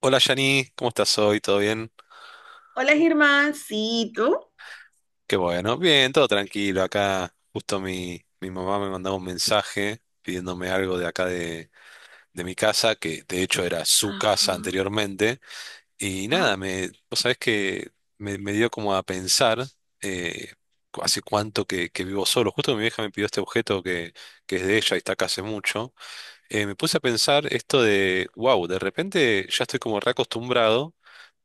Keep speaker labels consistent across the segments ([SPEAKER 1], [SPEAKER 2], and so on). [SPEAKER 1] Hola Yani, ¿cómo estás hoy? ¿Todo bien?
[SPEAKER 2] Hola, Germán. Sí, ¿tú?
[SPEAKER 1] Qué bueno, bien, todo tranquilo. Acá justo mi mamá me mandaba un mensaje pidiéndome algo de acá de mi casa, que de hecho era su
[SPEAKER 2] Ajá.
[SPEAKER 1] casa anteriormente. Y nada,
[SPEAKER 2] Ah,
[SPEAKER 1] vos sabés que me dio como a pensar eh, hace cuánto que vivo solo. Justo mi vieja me pidió este objeto que es de ella y está acá hace mucho. Me puse a pensar esto wow, de repente ya estoy como reacostumbrado,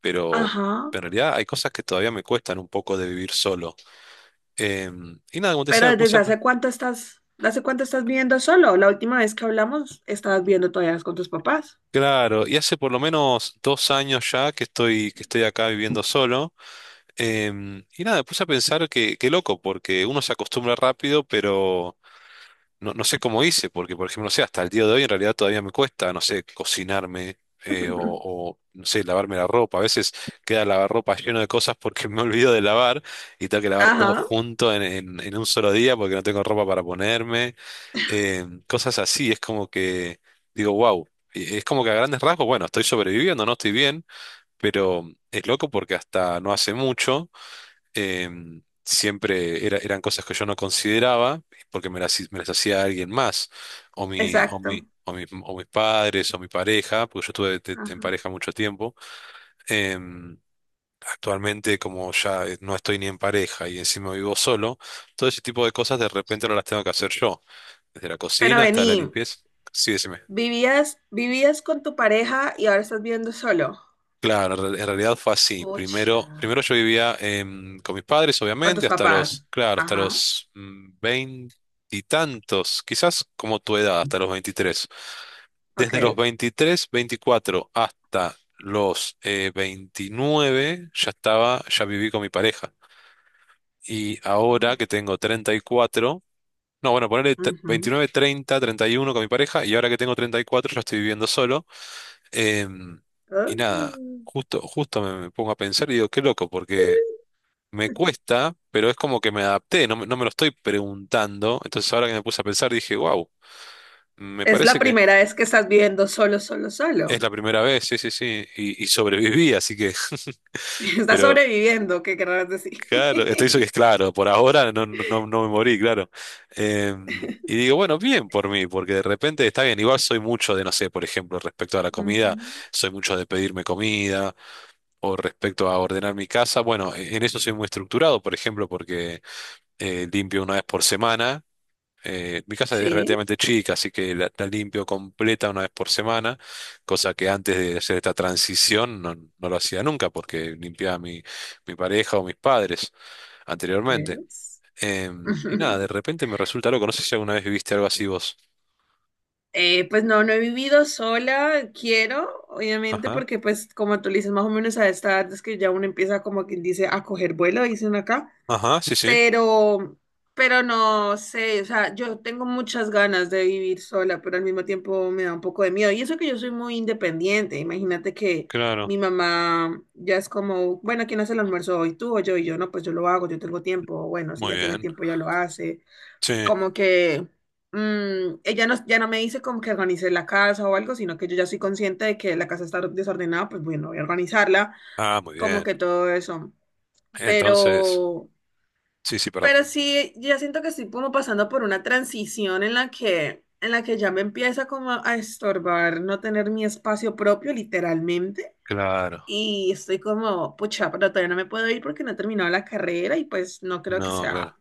[SPEAKER 1] pero
[SPEAKER 2] Ajá.
[SPEAKER 1] en realidad hay cosas que todavía me cuestan un poco de vivir solo. Y nada, como te decía, me
[SPEAKER 2] Pero
[SPEAKER 1] puse
[SPEAKER 2] ¿desde
[SPEAKER 1] a.
[SPEAKER 2] hace cuánto estás, ¿de hace cuánto estás viviendo solo? La última vez que hablamos, estabas viviendo todavía con tus papás.
[SPEAKER 1] Claro, y hace por lo menos 2 años ya que estoy acá viviendo solo. Y nada, me puse a pensar que, qué loco, porque uno se acostumbra rápido, pero. No, no sé cómo hice, porque por ejemplo, no sé, hasta el día de hoy en realidad todavía me cuesta, no sé, cocinarme o, no sé, lavarme la ropa. A veces queda el lavarropa lleno de cosas porque me olvido de lavar y tengo que lavar todo
[SPEAKER 2] Ajá,
[SPEAKER 1] junto en un solo día porque no tengo ropa para ponerme. Cosas así, es como que digo, wow, es como que a grandes rasgos, bueno, estoy sobreviviendo, no estoy bien, pero es loco porque hasta no hace mucho siempre eran cosas que yo no consideraba porque me las hacía alguien más,
[SPEAKER 2] exacto.
[SPEAKER 1] o mis padres, o mi pareja, porque yo estuve en
[SPEAKER 2] Ajá.
[SPEAKER 1] pareja mucho tiempo. Em, Actualmente, como ya no estoy ni en pareja y encima vivo solo, todo ese tipo de cosas de repente no las tengo que hacer yo, desde la
[SPEAKER 2] Pero
[SPEAKER 1] cocina hasta la
[SPEAKER 2] vení,
[SPEAKER 1] limpieza. Sí, decime.
[SPEAKER 2] vivías, vivías con tu pareja y ahora estás viviendo solo.
[SPEAKER 1] Claro, en realidad fue así.
[SPEAKER 2] Pucha.
[SPEAKER 1] Primero yo vivía con mis padres,
[SPEAKER 2] Con
[SPEAKER 1] obviamente,
[SPEAKER 2] tus
[SPEAKER 1] hasta los,
[SPEAKER 2] papás.
[SPEAKER 1] claro, hasta
[SPEAKER 2] Ajá,
[SPEAKER 1] los veintitantos, quizás como tu edad, hasta los 23. Desde los
[SPEAKER 2] OK.
[SPEAKER 1] 23, 24 hasta los 29 ya viví con mi pareja. Y ahora
[SPEAKER 2] Oh,
[SPEAKER 1] que tengo 34 no, bueno, ponerle
[SPEAKER 2] ujú.
[SPEAKER 1] 29, 30, 31 con mi pareja y ahora que tengo 34 ya estoy viviendo solo. Em, y nada,
[SPEAKER 2] Oh.
[SPEAKER 1] justo me pongo a pensar y digo, qué loco, porque me cuesta, pero es como que me adapté, no, no me lo estoy preguntando. Entonces ahora que me puse a pensar dije, wow, me
[SPEAKER 2] Es la
[SPEAKER 1] parece que
[SPEAKER 2] primera vez que estás viviendo solo, solo,
[SPEAKER 1] es
[SPEAKER 2] solo.
[SPEAKER 1] la primera vez, sí, sí, sí, y sobreviví, así que,
[SPEAKER 2] Está
[SPEAKER 1] pero.
[SPEAKER 2] sobreviviendo, ¿qué querrás decir?
[SPEAKER 1] Claro, esto hizo que es claro, por ahora no me morí, claro. Eh, y digo, bueno, bien por mí, porque de repente está bien. Igual soy mucho de, no sé, por ejemplo, respecto a la comida,
[SPEAKER 2] Ujú.
[SPEAKER 1] soy mucho de pedirme comida, o respecto a ordenar mi casa. Bueno, en eso soy muy estructurado, por ejemplo, porque limpio una vez por semana. Mi casa es
[SPEAKER 2] Sí,
[SPEAKER 1] relativamente chica, así que la limpio completa una vez por semana, cosa que antes de hacer esta transición no lo hacía nunca, porque limpiaba mi pareja o mis padres anteriormente.
[SPEAKER 2] ¿ves?
[SPEAKER 1] Y nada, de repente me resulta loco. No sé si alguna vez viviste algo así vos.
[SPEAKER 2] Pues no, no he vivido sola, quiero, obviamente,
[SPEAKER 1] Ajá.
[SPEAKER 2] porque pues como tú le dices, más o menos a esta edad es que ya uno empieza como quien dice a coger vuelo, dicen acá.
[SPEAKER 1] Ajá, sí, sí,
[SPEAKER 2] pero, pero no sé, o sea, yo tengo muchas ganas de vivir sola, pero al mismo tiempo me da un poco de miedo. Y eso que yo soy muy independiente, imagínate que
[SPEAKER 1] claro.
[SPEAKER 2] mi mamá ya es como, bueno, ¿quién hace el almuerzo hoy? ¿Tú o yo? Y yo, no, pues yo lo hago, yo tengo tiempo, bueno, si
[SPEAKER 1] Muy
[SPEAKER 2] ya tiene
[SPEAKER 1] bien.
[SPEAKER 2] tiempo ya lo hace.
[SPEAKER 1] Sí.
[SPEAKER 2] Como que ella no, ya no me dice como que organice la casa o algo, sino que yo ya soy consciente de que la casa está desordenada, pues bueno, voy a organizarla,
[SPEAKER 1] Ah, muy
[SPEAKER 2] como
[SPEAKER 1] bien.
[SPEAKER 2] que todo eso.
[SPEAKER 1] Entonces,
[SPEAKER 2] Pero...
[SPEAKER 1] sí, sí, perdón.
[SPEAKER 2] Pero sí, ya siento que estoy como pasando por una transición en la que ya me empieza como a estorbar no tener mi espacio propio, literalmente.
[SPEAKER 1] Claro.
[SPEAKER 2] Y estoy como, pucha, pero todavía no me puedo ir porque no he terminado la carrera y pues no creo que
[SPEAKER 1] No, claro.
[SPEAKER 2] sea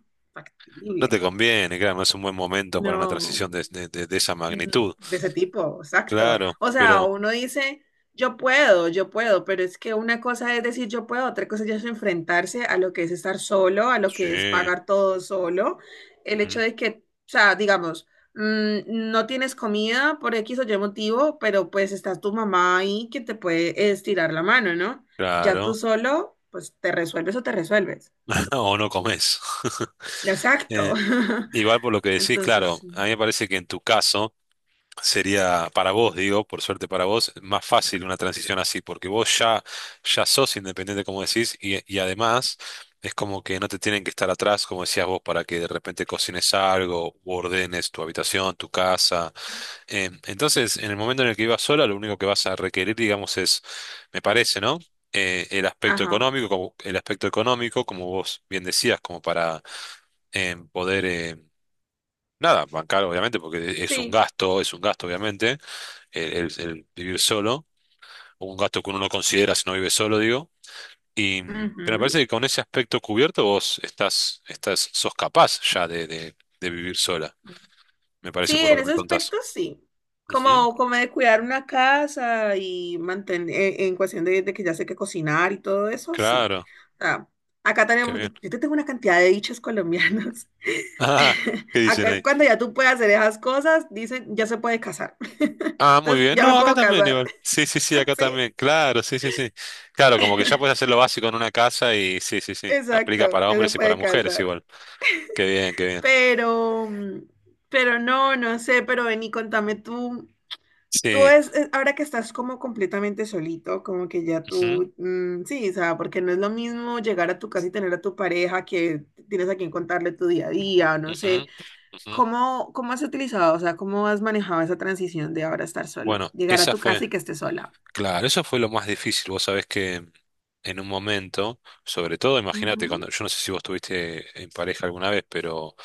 [SPEAKER 1] No
[SPEAKER 2] factible.
[SPEAKER 1] te conviene, claro, no es un buen momento para una
[SPEAKER 2] No,
[SPEAKER 1] transición de esa
[SPEAKER 2] mm,
[SPEAKER 1] magnitud.
[SPEAKER 2] de ese tipo, exacto.
[SPEAKER 1] Claro,
[SPEAKER 2] O sea,
[SPEAKER 1] pero.
[SPEAKER 2] uno dice, yo puedo, pero es que una cosa es decir yo puedo, otra cosa ya es enfrentarse a lo que es estar solo, a lo que es
[SPEAKER 1] Sí.
[SPEAKER 2] pagar todo solo. El hecho
[SPEAKER 1] Ujú,
[SPEAKER 2] de que, o sea, digamos, no tienes comida por X o Y motivo, pero pues está tu mamá ahí que te puede estirar la mano, ¿no? Ya tú
[SPEAKER 1] claro.
[SPEAKER 2] solo, pues te resuelves o te resuelves.
[SPEAKER 1] O no comes.
[SPEAKER 2] Exacto.
[SPEAKER 1] Eh, Igual por lo que decís,
[SPEAKER 2] Entonces,
[SPEAKER 1] claro,
[SPEAKER 2] sí.
[SPEAKER 1] a mí me parece que en tu caso. Sería para vos, digo, por suerte para vos, más fácil una transición así, porque vos ya sos independiente, como decís, y además es como que no te tienen que estar atrás, como decías vos, para que de repente cocines algo o ordenes tu habitación, tu casa. Entonces, en el momento en el que vivas sola, lo único que vas a requerir, digamos, es, me parece, ¿no? El aspecto
[SPEAKER 2] Ajá,
[SPEAKER 1] económico, como el aspecto económico, como vos bien decías, como para poder nada, bancar, obviamente, porque
[SPEAKER 2] sí.
[SPEAKER 1] es un gasto, obviamente el vivir solo, o un gasto que uno no considera si no vive solo, digo. Y, pero me parece
[SPEAKER 2] Ujú.
[SPEAKER 1] que con ese aspecto cubierto vos sos capaz ya de vivir sola, me parece
[SPEAKER 2] Sí,
[SPEAKER 1] por lo
[SPEAKER 2] en
[SPEAKER 1] que
[SPEAKER 2] ese
[SPEAKER 1] me contás.
[SPEAKER 2] aspecto sí.
[SPEAKER 1] Ujú,
[SPEAKER 2] Como, como de cuidar una casa y mantener, en cuestión de que ya sé qué cocinar y todo eso, sí.
[SPEAKER 1] claro,
[SPEAKER 2] O sea, acá
[SPEAKER 1] qué
[SPEAKER 2] tenemos, yo
[SPEAKER 1] bien.
[SPEAKER 2] yo te tengo una cantidad de dichos colombianos.
[SPEAKER 1] Ah, ¿qué dicen
[SPEAKER 2] Acá
[SPEAKER 1] ahí?
[SPEAKER 2] cuando ya tú puedes hacer esas cosas, dicen, ya se puede casar.
[SPEAKER 1] Ah, muy
[SPEAKER 2] Entonces,
[SPEAKER 1] bien.
[SPEAKER 2] ya me
[SPEAKER 1] No, acá
[SPEAKER 2] puedo
[SPEAKER 1] también
[SPEAKER 2] casar.
[SPEAKER 1] igual. Sí, sí, sí, acá
[SPEAKER 2] Sí,
[SPEAKER 1] también. Claro, sí, sí, sí. Claro, como que ya puedes hacer lo básico en una casa y sí, sí, sí. Aplica
[SPEAKER 2] exacto,
[SPEAKER 1] para
[SPEAKER 2] ya se
[SPEAKER 1] hombres y para
[SPEAKER 2] puede
[SPEAKER 1] mujeres
[SPEAKER 2] casar.
[SPEAKER 1] igual. Qué bien, qué bien.
[SPEAKER 2] Pero, mm, pero no, no sé, pero ven y contame tú. Tú
[SPEAKER 1] Sí.
[SPEAKER 2] es, ahora que estás como completamente solito, como que ya
[SPEAKER 1] Ujú,
[SPEAKER 2] tú, sí, o sea, porque no es lo mismo llegar a tu casa y tener a tu pareja que tienes a quien contarle tu día a día, o no
[SPEAKER 1] ujú,
[SPEAKER 2] sé,
[SPEAKER 1] ujú.
[SPEAKER 2] ¿cómo, cómo has utilizado, o sea, cómo has manejado esa transición de ahora estar solo,
[SPEAKER 1] Bueno,
[SPEAKER 2] llegar a
[SPEAKER 1] esa
[SPEAKER 2] tu
[SPEAKER 1] fue.
[SPEAKER 2] casa y que estés sola?
[SPEAKER 1] Claro, eso fue lo más difícil. Vos sabés que en un momento, sobre todo, imagínate,
[SPEAKER 2] Ujú,
[SPEAKER 1] cuando yo no sé si vos estuviste en pareja alguna vez, pero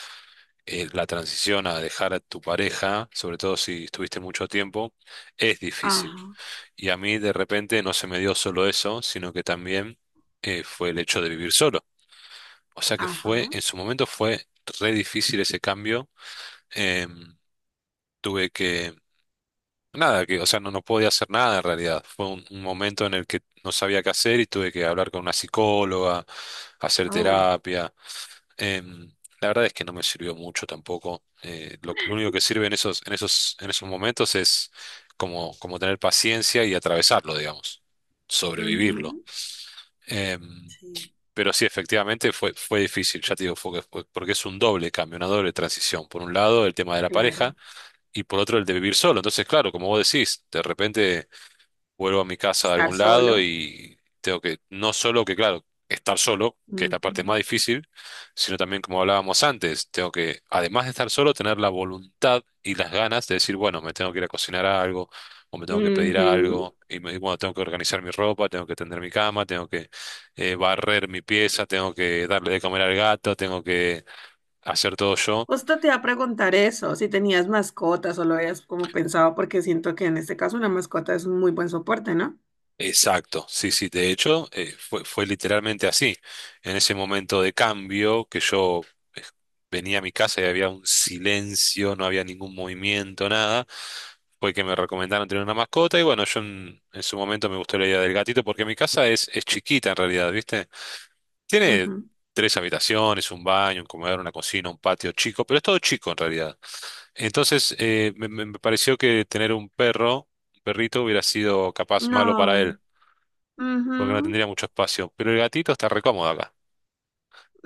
[SPEAKER 1] la transición a dejar a tu pareja, sobre todo si estuviste mucho tiempo, es difícil.
[SPEAKER 2] Ajá,
[SPEAKER 1] Y a mí de repente no se me dio solo eso, sino que también fue el hecho de vivir solo. O sea que
[SPEAKER 2] ajá,
[SPEAKER 1] fue, en su momento fue re difícil ese cambio. Em, tuve que Nada, que, o sea, no podía hacer nada en realidad. Fue un momento en el que no sabía qué hacer y tuve que hablar con una psicóloga, hacer
[SPEAKER 2] oh,
[SPEAKER 1] terapia. Em, la verdad es que no me sirvió mucho tampoco. Lo único que sirve en esos momentos es como, como tener paciencia y atravesarlo, digamos, sobrevivirlo.
[SPEAKER 2] ujú,
[SPEAKER 1] Em,
[SPEAKER 2] sí,
[SPEAKER 1] pero sí, efectivamente fue difícil, ya te digo, porque es un doble cambio, una doble transición. Por un lado, el tema de la
[SPEAKER 2] claro,
[SPEAKER 1] pareja y por otro el de vivir solo. Entonces, claro, como vos decís, de repente vuelvo a mi casa de
[SPEAKER 2] estar
[SPEAKER 1] algún lado
[SPEAKER 2] solo.
[SPEAKER 1] y tengo que, no solo que, claro, estar solo, que es
[SPEAKER 2] Ujú,
[SPEAKER 1] la parte más difícil, sino también, como hablábamos antes, tengo que, además de estar solo, tener la voluntad y las ganas de decir, bueno, me tengo que ir a cocinar algo, o me tengo que pedir
[SPEAKER 2] ujú,
[SPEAKER 1] algo, y bueno, tengo que organizar mi ropa, tengo que tender mi cama, tengo que barrer mi pieza, tengo que darle de comer al gato, tengo que hacer todo yo.
[SPEAKER 2] justo te iba a preguntar eso, si tenías mascotas o lo habías como pensado, porque siento que en este caso una mascota es un muy buen soporte, no.
[SPEAKER 1] Exacto, sí, sí, de hecho, fue literalmente así. En ese momento de cambio que yo eh, venía a mi casa y había un silencio, no había ningún movimiento, nada, fue que me recomendaron tener una mascota y bueno, yo en su momento me gustó la idea del gatito porque mi casa es chiquita en realidad, ¿viste? Tiene
[SPEAKER 2] Ujú.
[SPEAKER 1] tres habitaciones, un baño, un comedor, una cocina, un patio chico, pero es todo chico en realidad. Entonces, me pareció que tener un perro, un perrito, hubiera sido capaz malo para
[SPEAKER 2] No.
[SPEAKER 1] él porque no
[SPEAKER 2] Ujú.
[SPEAKER 1] tendría mucho espacio. Pero el gatito está recómodo acá.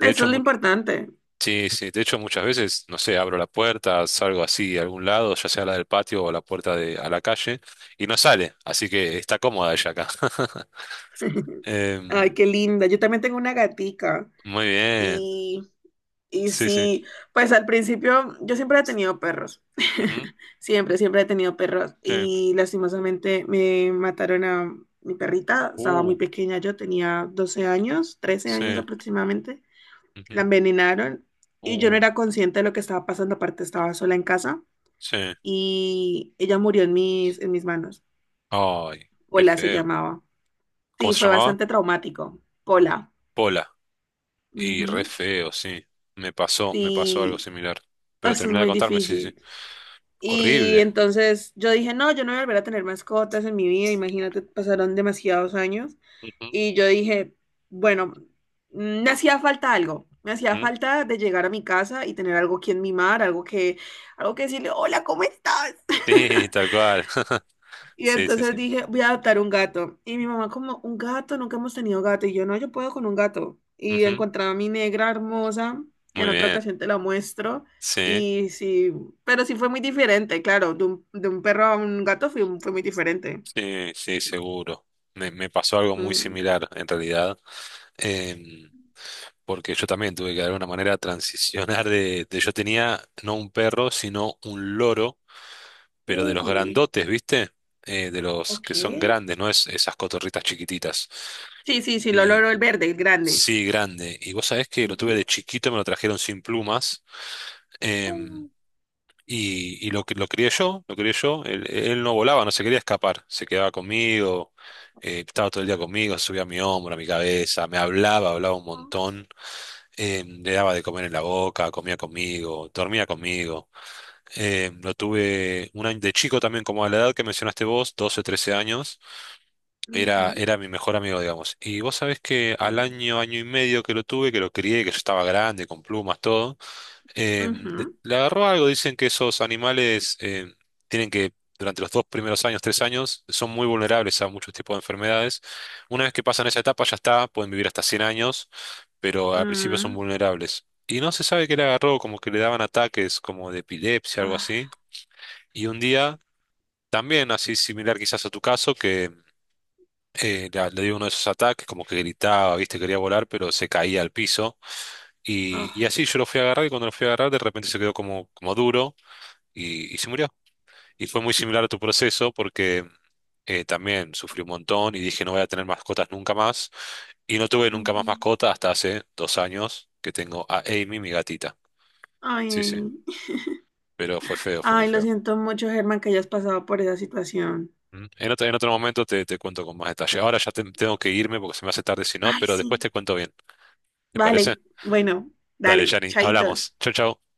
[SPEAKER 1] De hecho,
[SPEAKER 2] es lo importante.
[SPEAKER 1] sí, sí, de hecho muchas veces, no sé, abro la puerta, salgo así a algún lado, ya sea la del patio o la puerta a la calle, y no sale, así que está cómoda ella acá.
[SPEAKER 2] Ay,
[SPEAKER 1] Em,
[SPEAKER 2] qué linda. Yo también tengo una gatica.
[SPEAKER 1] Muy bien.
[SPEAKER 2] Y y
[SPEAKER 1] Sí, sí.
[SPEAKER 2] sí, pues al principio yo siempre he tenido perros.
[SPEAKER 1] Ujú,
[SPEAKER 2] Siempre, siempre he tenido perros.
[SPEAKER 1] sí.
[SPEAKER 2] Y lastimosamente me mataron a mi perrita. Estaba
[SPEAKER 1] Uh,
[SPEAKER 2] muy pequeña, yo tenía 12 años, trece
[SPEAKER 1] sí.
[SPEAKER 2] años aproximadamente. La
[SPEAKER 1] Ujú,
[SPEAKER 2] envenenaron y yo no
[SPEAKER 1] uh,
[SPEAKER 2] era consciente de lo que estaba pasando. Aparte, estaba sola en casa
[SPEAKER 1] sí.
[SPEAKER 2] y ella murió en mis manos.
[SPEAKER 1] Ay, qué
[SPEAKER 2] Pola se
[SPEAKER 1] feo.
[SPEAKER 2] llamaba.
[SPEAKER 1] ¿Cómo
[SPEAKER 2] Sí,
[SPEAKER 1] se
[SPEAKER 2] fue
[SPEAKER 1] llamaba?
[SPEAKER 2] bastante traumático. Pola.
[SPEAKER 1] Pola. Y re
[SPEAKER 2] Ujú.
[SPEAKER 1] feo, sí. Me pasó algo
[SPEAKER 2] Y
[SPEAKER 1] similar. Pero
[SPEAKER 2] eso es
[SPEAKER 1] terminé de
[SPEAKER 2] muy
[SPEAKER 1] contarme, sí, sí. Sí.
[SPEAKER 2] difícil. Y
[SPEAKER 1] Horrible.
[SPEAKER 2] entonces yo dije, no, yo no voy a volver a tener mascotas en mi vida, imagínate, pasaron demasiados años.
[SPEAKER 1] Ujú,
[SPEAKER 2] Y yo dije, bueno, me hacía falta algo, me hacía
[SPEAKER 1] ujú.
[SPEAKER 2] falta de llegar a mi casa y tener algo que mimar, algo que decirle, hola, ¿cómo estás?
[SPEAKER 1] Sí, tal cual.
[SPEAKER 2] Y
[SPEAKER 1] Sí, sí,
[SPEAKER 2] entonces
[SPEAKER 1] sí.
[SPEAKER 2] dije, voy a adoptar un gato. Y mi mamá como, un gato, nunca hemos tenido gato. Y yo, no, yo puedo con un gato. Y
[SPEAKER 1] Ujú,
[SPEAKER 2] encontraba a mi negra hermosa, que en
[SPEAKER 1] muy
[SPEAKER 2] otra
[SPEAKER 1] bien.
[SPEAKER 2] ocasión te la muestro.
[SPEAKER 1] Sí,
[SPEAKER 2] Y sí, pero sí fue muy diferente, claro, de un perro a un gato fue, fue muy diferente.
[SPEAKER 1] sí, sí, seguro. Me pasó algo muy
[SPEAKER 2] Mm.
[SPEAKER 1] similar en realidad, em, porque yo también tuve que de alguna manera transicionar yo tenía no un perro, sino un loro, pero de los
[SPEAKER 2] Uy,
[SPEAKER 1] grandotes, ¿viste? De los
[SPEAKER 2] OK.
[SPEAKER 1] que son grandes, no es esas cotorritas chiquititas.
[SPEAKER 2] Sí, sí, sí, lo
[SPEAKER 1] Y
[SPEAKER 2] logró el verde, el grande.
[SPEAKER 1] sí, grande. Y vos sabés que lo tuve
[SPEAKER 2] Ujú,
[SPEAKER 1] de chiquito, me lo trajeron sin plumas. em,
[SPEAKER 2] mm,
[SPEAKER 1] y lo crié yo, lo crié yo. Él no volaba, no se quería escapar. Se quedaba conmigo, estaba todo el día conmigo, subía a mi hombro, a mi cabeza, me hablaba, hablaba un montón. Le daba de comer en la boca, comía conmigo, dormía conmigo. Lo tuve un año de chico también, como a la edad que mencionaste vos, 12 13 años. Era,
[SPEAKER 2] ujú,
[SPEAKER 1] era mi mejor amigo, digamos. Y vos sabés que al
[SPEAKER 2] mm,
[SPEAKER 1] año, año y medio que lo tuve, que lo crié, que yo estaba grande, con plumas, todo.
[SPEAKER 2] ujú,
[SPEAKER 1] Le agarró algo, dicen que esos animales tienen durante los dos primeros años, 3 años, son muy vulnerables a muchos tipos de enfermedades. Una vez que pasan esa etapa ya está, pueden vivir hasta 100 años, pero al principio son
[SPEAKER 2] mm.
[SPEAKER 1] vulnerables. Y no se sabe qué le agarró, como que le daban ataques como de epilepsia, algo
[SPEAKER 2] Ah,
[SPEAKER 1] así. Y un día, también así similar quizás a tu caso, que le dio uno de esos ataques, como que gritaba, viste, quería volar, pero se caía al piso. Y así
[SPEAKER 2] ah,
[SPEAKER 1] yo lo fui a agarrar y cuando lo fui a agarrar de repente se quedó como duro y se murió. Y fue muy similar a tu proceso porque también sufrí un montón y dije no voy a tener mascotas nunca más. Y no tuve nunca
[SPEAKER 2] ujú.
[SPEAKER 1] más mascota hasta hace 2 años que tengo a Amy, mi gatita.
[SPEAKER 2] Ay,
[SPEAKER 1] Sí, sí,
[SPEAKER 2] Amy.
[SPEAKER 1] pero fue feo, fue muy
[SPEAKER 2] Ay, lo
[SPEAKER 1] feo.
[SPEAKER 2] siento mucho, Germán, que hayas pasado por esa situación.
[SPEAKER 1] Mm. En otro momento te cuento con más detalle. Ahora ya tengo que irme porque se me hace tarde si no,
[SPEAKER 2] Ay,
[SPEAKER 1] pero después
[SPEAKER 2] sí.
[SPEAKER 1] te cuento bien. ¿Te parece?
[SPEAKER 2] Vale, bueno,
[SPEAKER 1] Dale,
[SPEAKER 2] dale,
[SPEAKER 1] Yanni,
[SPEAKER 2] chaitos.
[SPEAKER 1] hablamos. Chau, chau.